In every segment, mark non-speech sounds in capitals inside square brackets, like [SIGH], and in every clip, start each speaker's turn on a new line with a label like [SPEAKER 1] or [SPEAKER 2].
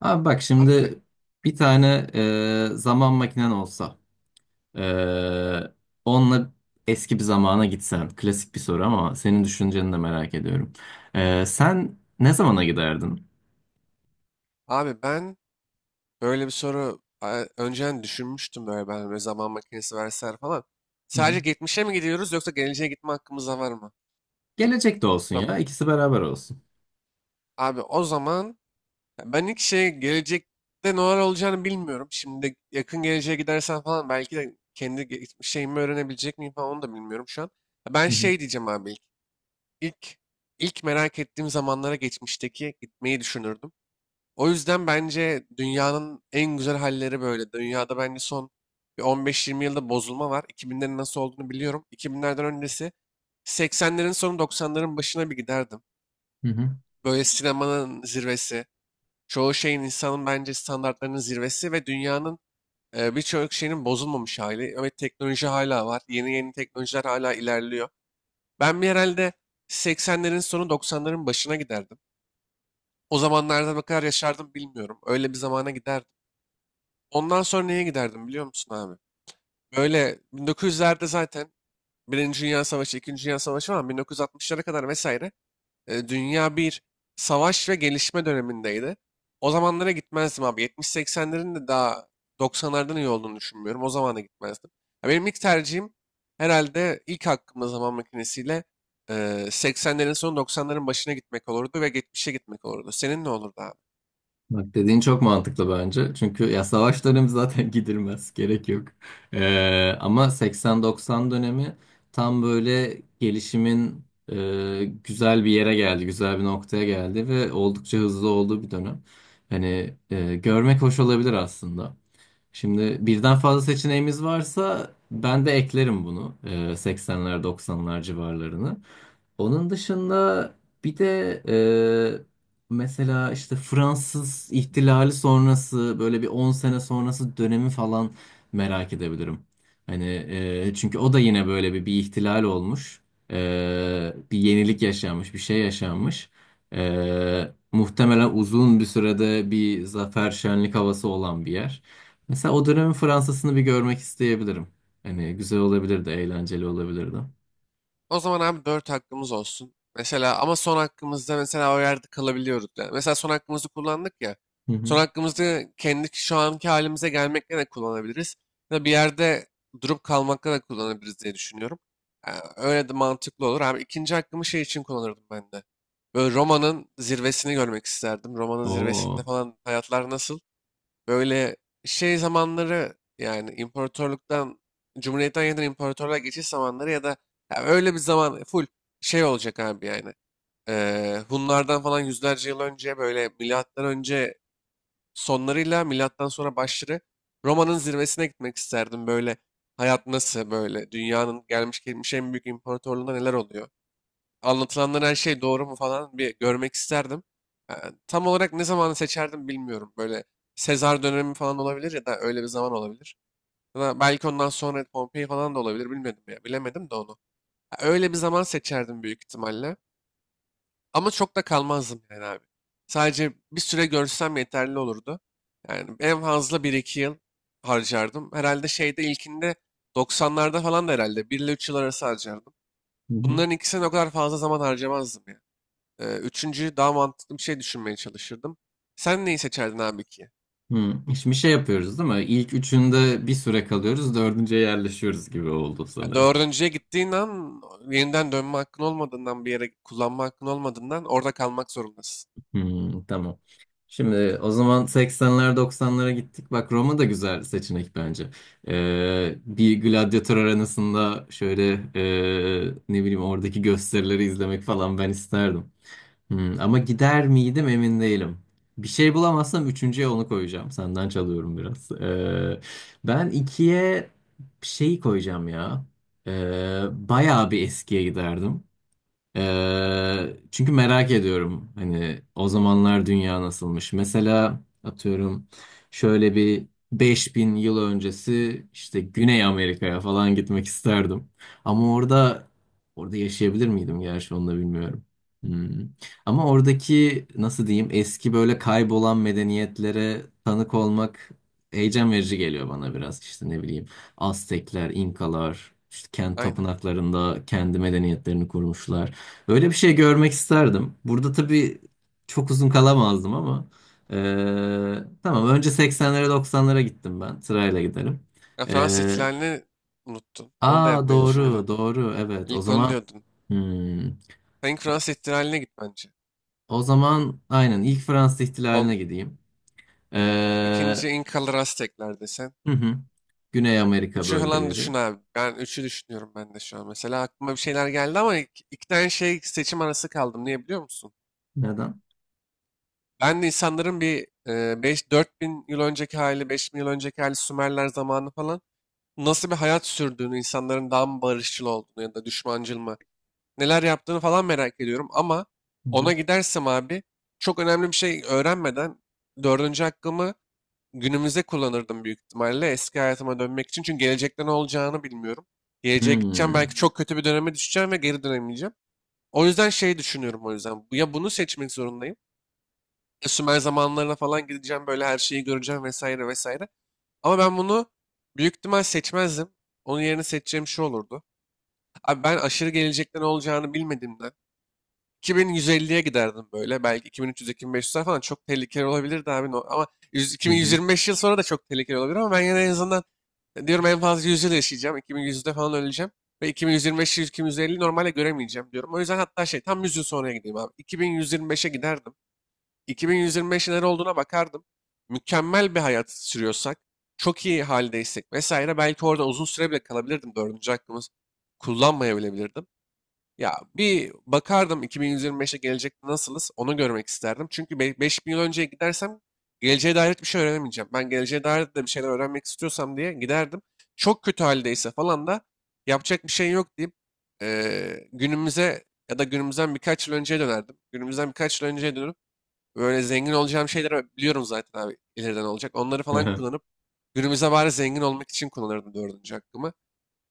[SPEAKER 1] Abi bak
[SPEAKER 2] Abi,
[SPEAKER 1] şimdi bir tane zaman makinen olsa e, onunla eski bir zamana gitsen klasik bir soru ama senin düşünceni de merak ediyorum. Sen ne zamana giderdin?
[SPEAKER 2] ben böyle bir soru önceden düşünmüştüm böyle ben böyle zaman makinesi verseler falan.
[SPEAKER 1] Hı hı,
[SPEAKER 2] Sadece geçmişe mi gidiyoruz yoksa geleceğe gitme hakkımız da var mı?
[SPEAKER 1] gelecek de olsun
[SPEAKER 2] Tamam.
[SPEAKER 1] ya ikisi beraber olsun.
[SPEAKER 2] Abi o zaman ya ben ilk şey gelecekte neler olacağını bilmiyorum. Şimdi yakın geleceğe gidersen falan belki de kendi şeyimi öğrenebilecek miyim falan onu da bilmiyorum şu an. Ya ben
[SPEAKER 1] Hı hı,
[SPEAKER 2] şey diyeceğim abi ilk. İlk, ilk merak ettiğim zamanlara geçmişteki gitmeyi düşünürdüm. O yüzden bence dünyanın en güzel halleri böyle. Dünyada bence son bir 15-20 yılda bozulma var. 2000'lerin nasıl olduğunu biliyorum. 2000'lerden öncesi 80'lerin sonu 90'ların başına bir giderdim.
[SPEAKER 1] hı hı.
[SPEAKER 2] Böyle sinemanın zirvesi, çoğu şeyin insanın bence standartlarının zirvesi ve dünyanın birçok şeyinin bozulmamış hali. Evet teknoloji hala var. Yeni yeni teknolojiler hala ilerliyor. Ben bir herhalde 80'lerin sonu 90'ların başına giderdim. O zamanlarda ne kadar yaşardım bilmiyorum. Öyle bir zamana giderdim. Ondan sonra neye giderdim biliyor musun abi? Böyle 1900'lerde zaten Birinci Dünya Savaşı, İkinci Dünya Savaşı falan 1960'lara kadar vesaire dünya bir savaş ve gelişme dönemindeydi. O zamanlara gitmezdim abi. 70-80'lerin de daha 90'lardan iyi olduğunu düşünmüyorum. O zamana gitmezdim. Ya benim ilk tercihim herhalde ilk hakkımda zaman makinesiyle e, 80'lerin sonu 90'ların başına gitmek olurdu ve 70'e gitmek olurdu. Senin ne olurdu abi?
[SPEAKER 1] Bak dediğin çok mantıklı bence. Çünkü ya savaş dönemi zaten [LAUGHS] gidilmez. Gerek yok. Ama 80-90 dönemi tam böyle gelişimin güzel bir yere geldi. Güzel bir noktaya geldi ve oldukça hızlı olduğu bir dönem. Hani görmek hoş olabilir aslında. Şimdi birden fazla seçeneğimiz varsa ben de eklerim bunu. 80'ler 90'lar civarlarını. Onun dışında bir de mesela işte Fransız ihtilali sonrası böyle bir 10 sene sonrası dönemi falan merak edebilirim. Hani çünkü o da yine böyle bir ihtilal olmuş. Bir yenilik yaşanmış, bir şey yaşanmış. Muhtemelen uzun bir sürede bir zafer şenlik havası olan bir yer. Mesela o dönemin Fransa'sını bir görmek isteyebilirim. Hani güzel olabilirdi, eğlenceli olabilirdi.
[SPEAKER 2] O zaman abi 4 hakkımız olsun. Mesela ama son hakkımızda mesela o yerde kalabiliyoruz. Yani mesela son hakkımızı kullandık ya.
[SPEAKER 1] Hı
[SPEAKER 2] Son
[SPEAKER 1] hı.
[SPEAKER 2] hakkımızı kendi şu anki halimize gelmekle de kullanabiliriz. Ya da bir yerde durup kalmakla da kullanabiliriz diye düşünüyorum. Yani öyle de mantıklı olur. Abi ikinci hakkımı şey için kullanırdım ben de. Böyle Roma'nın zirvesini görmek isterdim. Roma'nın zirvesinde
[SPEAKER 1] Oo.
[SPEAKER 2] falan hayatlar nasıl? Böyle şey zamanları yani imparatorluktan, cumhuriyetten yeniden imparatorluğa geçiş zamanları ya da ya öyle bir zaman full şey olacak abi yani. Hunlardan falan yüzlerce yıl önce böyle milattan önce sonlarıyla milattan sonra başları Roma'nın zirvesine gitmek isterdim. Böyle hayat nasıl böyle dünyanın gelmiş geçmiş en büyük imparatorluğunda neler oluyor? Anlatılanların her şey doğru mu falan bir görmek isterdim. Ee, Tam olarak ne zamanı seçerdim bilmiyorum. Böyle Sezar dönemi falan olabilir ya da öyle bir zaman olabilir. Ya da belki ondan sonra Pompei falan da olabilir bilmedim ya. Bilemedim de onu. Ya öyle bir zaman seçerdim büyük ihtimalle. Ama çok da kalmazdım yani abi. Sadece bir süre görsem yeterli olurdu. Yani en fazla bir iki yıl harcardım. Herhalde şeyde ilkinde 90'larda falan da herhalde bir ile 3 yıl arası harcardım. Bunların ikisine o kadar fazla zaman harcamazdım ya. Üçüncüyü daha mantıklı bir şey düşünmeye çalışırdım. Sen neyi seçerdin abi ki?
[SPEAKER 1] Hmm. Şimdi şey yapıyoruz değil mi? İlk üçünde bir süre kalıyoruz, dördüncüye yerleşiyoruz gibi oldu
[SPEAKER 2] Ya
[SPEAKER 1] sanırım.
[SPEAKER 2] dördüncüye gittiğin an yeniden dönme hakkın olmadığından bir yere kullanma hakkın olmadığından orada kalmak zorundasın.
[SPEAKER 1] Hmm, tamam. Şimdi o zaman 80'ler 90'lara gittik. Bak Roma da güzel seçenek bence. Bir gladyatör arenasında şöyle ne bileyim oradaki gösterileri izlemek falan ben isterdim. Ama gider miydim emin değilim. Bir şey bulamazsam üçüncüye onu koyacağım. Senden çalıyorum biraz. Ben ikiye şeyi koyacağım ya. Bayağı bir eskiye giderdim. Çünkü merak ediyorum hani o zamanlar dünya nasılmış. Mesela atıyorum şöyle bir 5.000 yıl öncesi işte Güney Amerika'ya falan gitmek isterdim. Ama orada yaşayabilir miydim gerçi onu da bilmiyorum. Hmm. Ama oradaki nasıl diyeyim eski böyle kaybolan medeniyetlere tanık olmak heyecan verici geliyor bana biraz işte ne bileyim Aztekler, İnkalar, işte kendi
[SPEAKER 2] Aynen.
[SPEAKER 1] tapınaklarında kendi medeniyetlerini kurmuşlar. Böyle bir şey görmek isterdim. Burada tabii çok uzun kalamazdım ama tamam önce 80'lere 90'lara gittim ben. Sırayla giderim.
[SPEAKER 2] Ya Fransız
[SPEAKER 1] Eee
[SPEAKER 2] ihtilalini unuttun. Onu da
[SPEAKER 1] Aa,
[SPEAKER 2] yapmayı
[SPEAKER 1] doğru
[SPEAKER 2] düşünüyordun.
[SPEAKER 1] doğru, evet, o
[SPEAKER 2] İlk onu
[SPEAKER 1] zaman,
[SPEAKER 2] diyordun.
[SPEAKER 1] hmm,
[SPEAKER 2] Sen ilk
[SPEAKER 1] o,
[SPEAKER 2] Fransız ihtilaline git bence.
[SPEAKER 1] o zaman aynen ilk Fransız ihtilaline
[SPEAKER 2] On,
[SPEAKER 1] gideyim. Eee,
[SPEAKER 2] ikinci İnkalar Aztekler desen.
[SPEAKER 1] hı hı, Güney Amerika
[SPEAKER 2] Üçü falan
[SPEAKER 1] bölgeleri.
[SPEAKER 2] düşün abi. Ben üçü düşünüyorum ben de şu an. Mesela aklıma bir şeyler geldi ama iki tane şey seçim arası kaldım. Niye biliyor musun?
[SPEAKER 1] Neden?
[SPEAKER 2] Ben de insanların bir 5 4000 yıl önceki hali, 5000 yıl önceki hali Sümerler zamanı falan nasıl bir hayat sürdüğünü, insanların daha mı barışçıl olduğunu ya da düşmancıl mı, neler yaptığını falan merak ediyorum ama
[SPEAKER 1] Hı hı.
[SPEAKER 2] ona gidersem abi çok önemli bir şey öğrenmeden dördüncü hakkımı günümüze kullanırdım büyük ihtimalle eski hayatıma dönmek için. Çünkü gelecekte ne olacağını bilmiyorum. Geleceğe gideceğim
[SPEAKER 1] Hmm,
[SPEAKER 2] belki çok kötü bir döneme düşeceğim ve geri dönemeyeceğim. O yüzden şey düşünüyorum o yüzden. Ya bunu seçmek zorundayım Sümer zamanlarına falan gideceğim böyle her şeyi göreceğim vesaire vesaire. Ama ben bunu büyük ihtimal seçmezdim. Onun yerine seçeceğim şu olurdu. Abi ben aşırı gelecekte ne olacağını bilmediğimden 2150'ye giderdim böyle. Belki 2300-2500'ler falan çok tehlikeli olabilirdi abi. Ama 100
[SPEAKER 1] hı
[SPEAKER 2] 2125 yıl sonra da çok tehlikeli olabilir ama ben yine en azından diyorum en fazla 100 yıl yaşayacağım. 2100'de falan öleceğim. Ve 2125-2150 normalde göremeyeceğim diyorum. O yüzden hatta şey tam 100 yıl sonraya gideyim abi. 2125'e giderdim. 2125 neler olduğuna bakardım. Mükemmel bir hayat sürüyorsak, çok iyi haldeysek vesaire belki orada uzun süre bile kalabilirdim. Dördüncü hakkımı kullanmayabilebilirdim. Ya bir bakardım 2125'e gelecekte nasılız onu görmek isterdim. Çünkü 5000 yıl önceye gidersem geleceğe dair bir şey öğrenemeyeceğim. Ben geleceğe dair de bir şeyler öğrenmek istiyorsam diye giderdim. Çok kötü haldeyse falan da yapacak bir şey yok deyip günümüze ya da günümüzden birkaç yıl önceye dönerdim. Günümüzden birkaç yıl önceye dönüp böyle zengin olacağım şeyleri biliyorum zaten abi ileriden olacak. Onları falan
[SPEAKER 1] hı.
[SPEAKER 2] kullanıp günümüze bari zengin olmak için kullanırdım dördüncü hakkımı.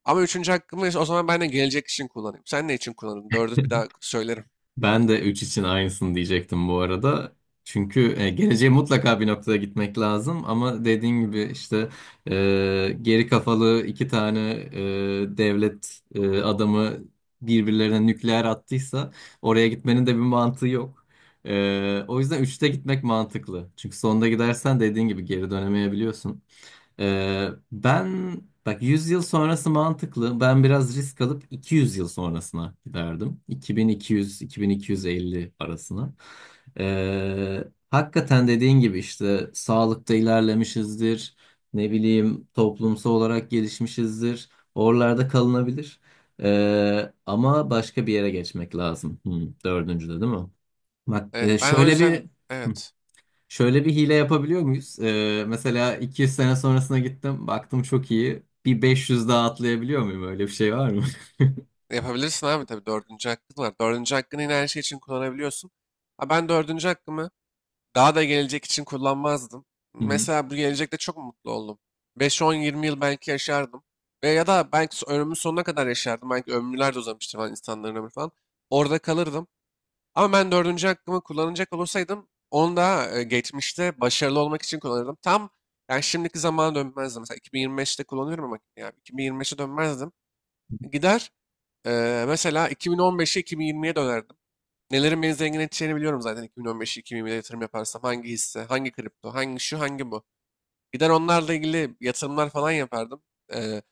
[SPEAKER 2] Ama üçüncü hakkımı o zaman ben de gelecek için kullanayım. Sen ne için kullanırdın? Dördü bir
[SPEAKER 1] [LAUGHS]
[SPEAKER 2] daha söylerim.
[SPEAKER 1] Ben de 3 için aynısını diyecektim bu arada. Çünkü geleceğe mutlaka bir noktada gitmek lazım ama dediğin gibi işte geri kafalı iki tane devlet adamı birbirlerine nükleer attıysa oraya gitmenin de bir mantığı yok. O yüzden üçte gitmek mantıklı. Çünkü sonda gidersen dediğin gibi geri dönemeyebiliyorsun. Ben bak 100 yıl sonrası mantıklı. Ben biraz risk alıp 200 yıl sonrasına giderdim. 2200-2250 arasına. Ee, Hakikaten dediğin gibi işte sağlıkta ilerlemişizdir. Ne bileyim toplumsal olarak gelişmişizdir. Oralarda kalınabilir. Ama başka bir yere geçmek lazım. Dördüncüde değil mi? Bak
[SPEAKER 2] Evet ben o
[SPEAKER 1] şöyle bir...
[SPEAKER 2] yüzden
[SPEAKER 1] Hı
[SPEAKER 2] evet
[SPEAKER 1] Şöyle bir hile yapabiliyor muyuz? Mesela 200 sene sonrasına gittim. Baktım çok iyi. Bir 500 daha atlayabiliyor muyum? Öyle bir şey var mı?
[SPEAKER 2] yapabilirsin abi tabii dördüncü hakkın var. Dördüncü hakkını yine her şey için kullanabiliyorsun. Ha, ben dördüncü hakkımı daha da gelecek için kullanmazdım.
[SPEAKER 1] [LAUGHS] Hı hı.
[SPEAKER 2] Mesela bu gelecekte çok mutlu oldum. 5-10-20 yıl belki yaşardım. Ve ya da belki ömrümün sonuna kadar yaşardım. Belki ömürler de uzamıştı falan insanların ömrü falan. Orada kalırdım. Ama ben dördüncü hakkımı kullanacak olursaydım onu da geçmişte başarılı olmak için kullanırdım. Tam yani şimdiki zamana dönmezdim. Mesela 2025'te kullanıyorum ama yani 2025'e dönmezdim. Gider mesela 2015'e 2020'ye dönerdim. Nelerin beni zengin edeceğini biliyorum zaten 2015-2020'de yatırım yaparsam. Hangi hisse, hangi kripto, hangi şu, hangi bu. Gider onlarla ilgili yatırımlar falan yapardım. Ee,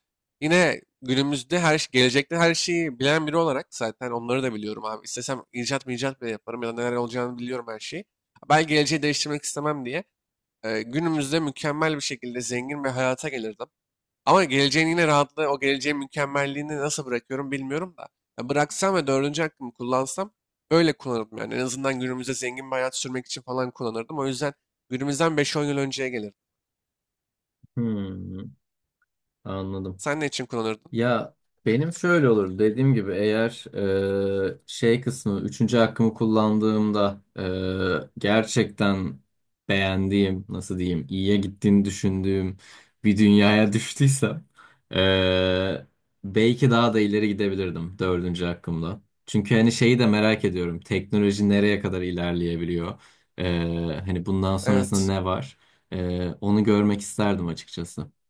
[SPEAKER 2] Yine günümüzde gelecekte her şeyi bilen biri olarak zaten onları da biliyorum abi. İstesem icat mı icat bile yaparım ya da neler olacağını biliyorum her şeyi. Ben geleceği değiştirmek istemem diye. Günümüzde mükemmel bir şekilde zengin ve hayata gelirdim. Ama geleceğin yine rahatlığı, o geleceğin mükemmelliğini nasıl bırakıyorum bilmiyorum da. Ya bıraksam ve dördüncü hakkımı kullansam böyle kullanırdım yani. En azından günümüzde zengin bir hayat sürmek için falan kullanırdım. O yüzden günümüzden beş on yıl önceye gelirdim.
[SPEAKER 1] Hmm, Anladım.
[SPEAKER 2] Sen ne için kullanırdın?
[SPEAKER 1] Ya benim şöyle olur dediğim gibi eğer şey kısmı üçüncü hakkımı kullandığımda gerçekten beğendiğim nasıl diyeyim iyiye gittiğini düşündüğüm bir dünyaya [LAUGHS] düştüysem e, belki daha da ileri gidebilirdim dördüncü hakkımla. Çünkü hani şeyi de merak ediyorum teknoloji nereye kadar ilerleyebiliyor. E, Hani bundan sonrasında
[SPEAKER 2] Evet.
[SPEAKER 1] ne var? Onu görmek isterdim açıkçası.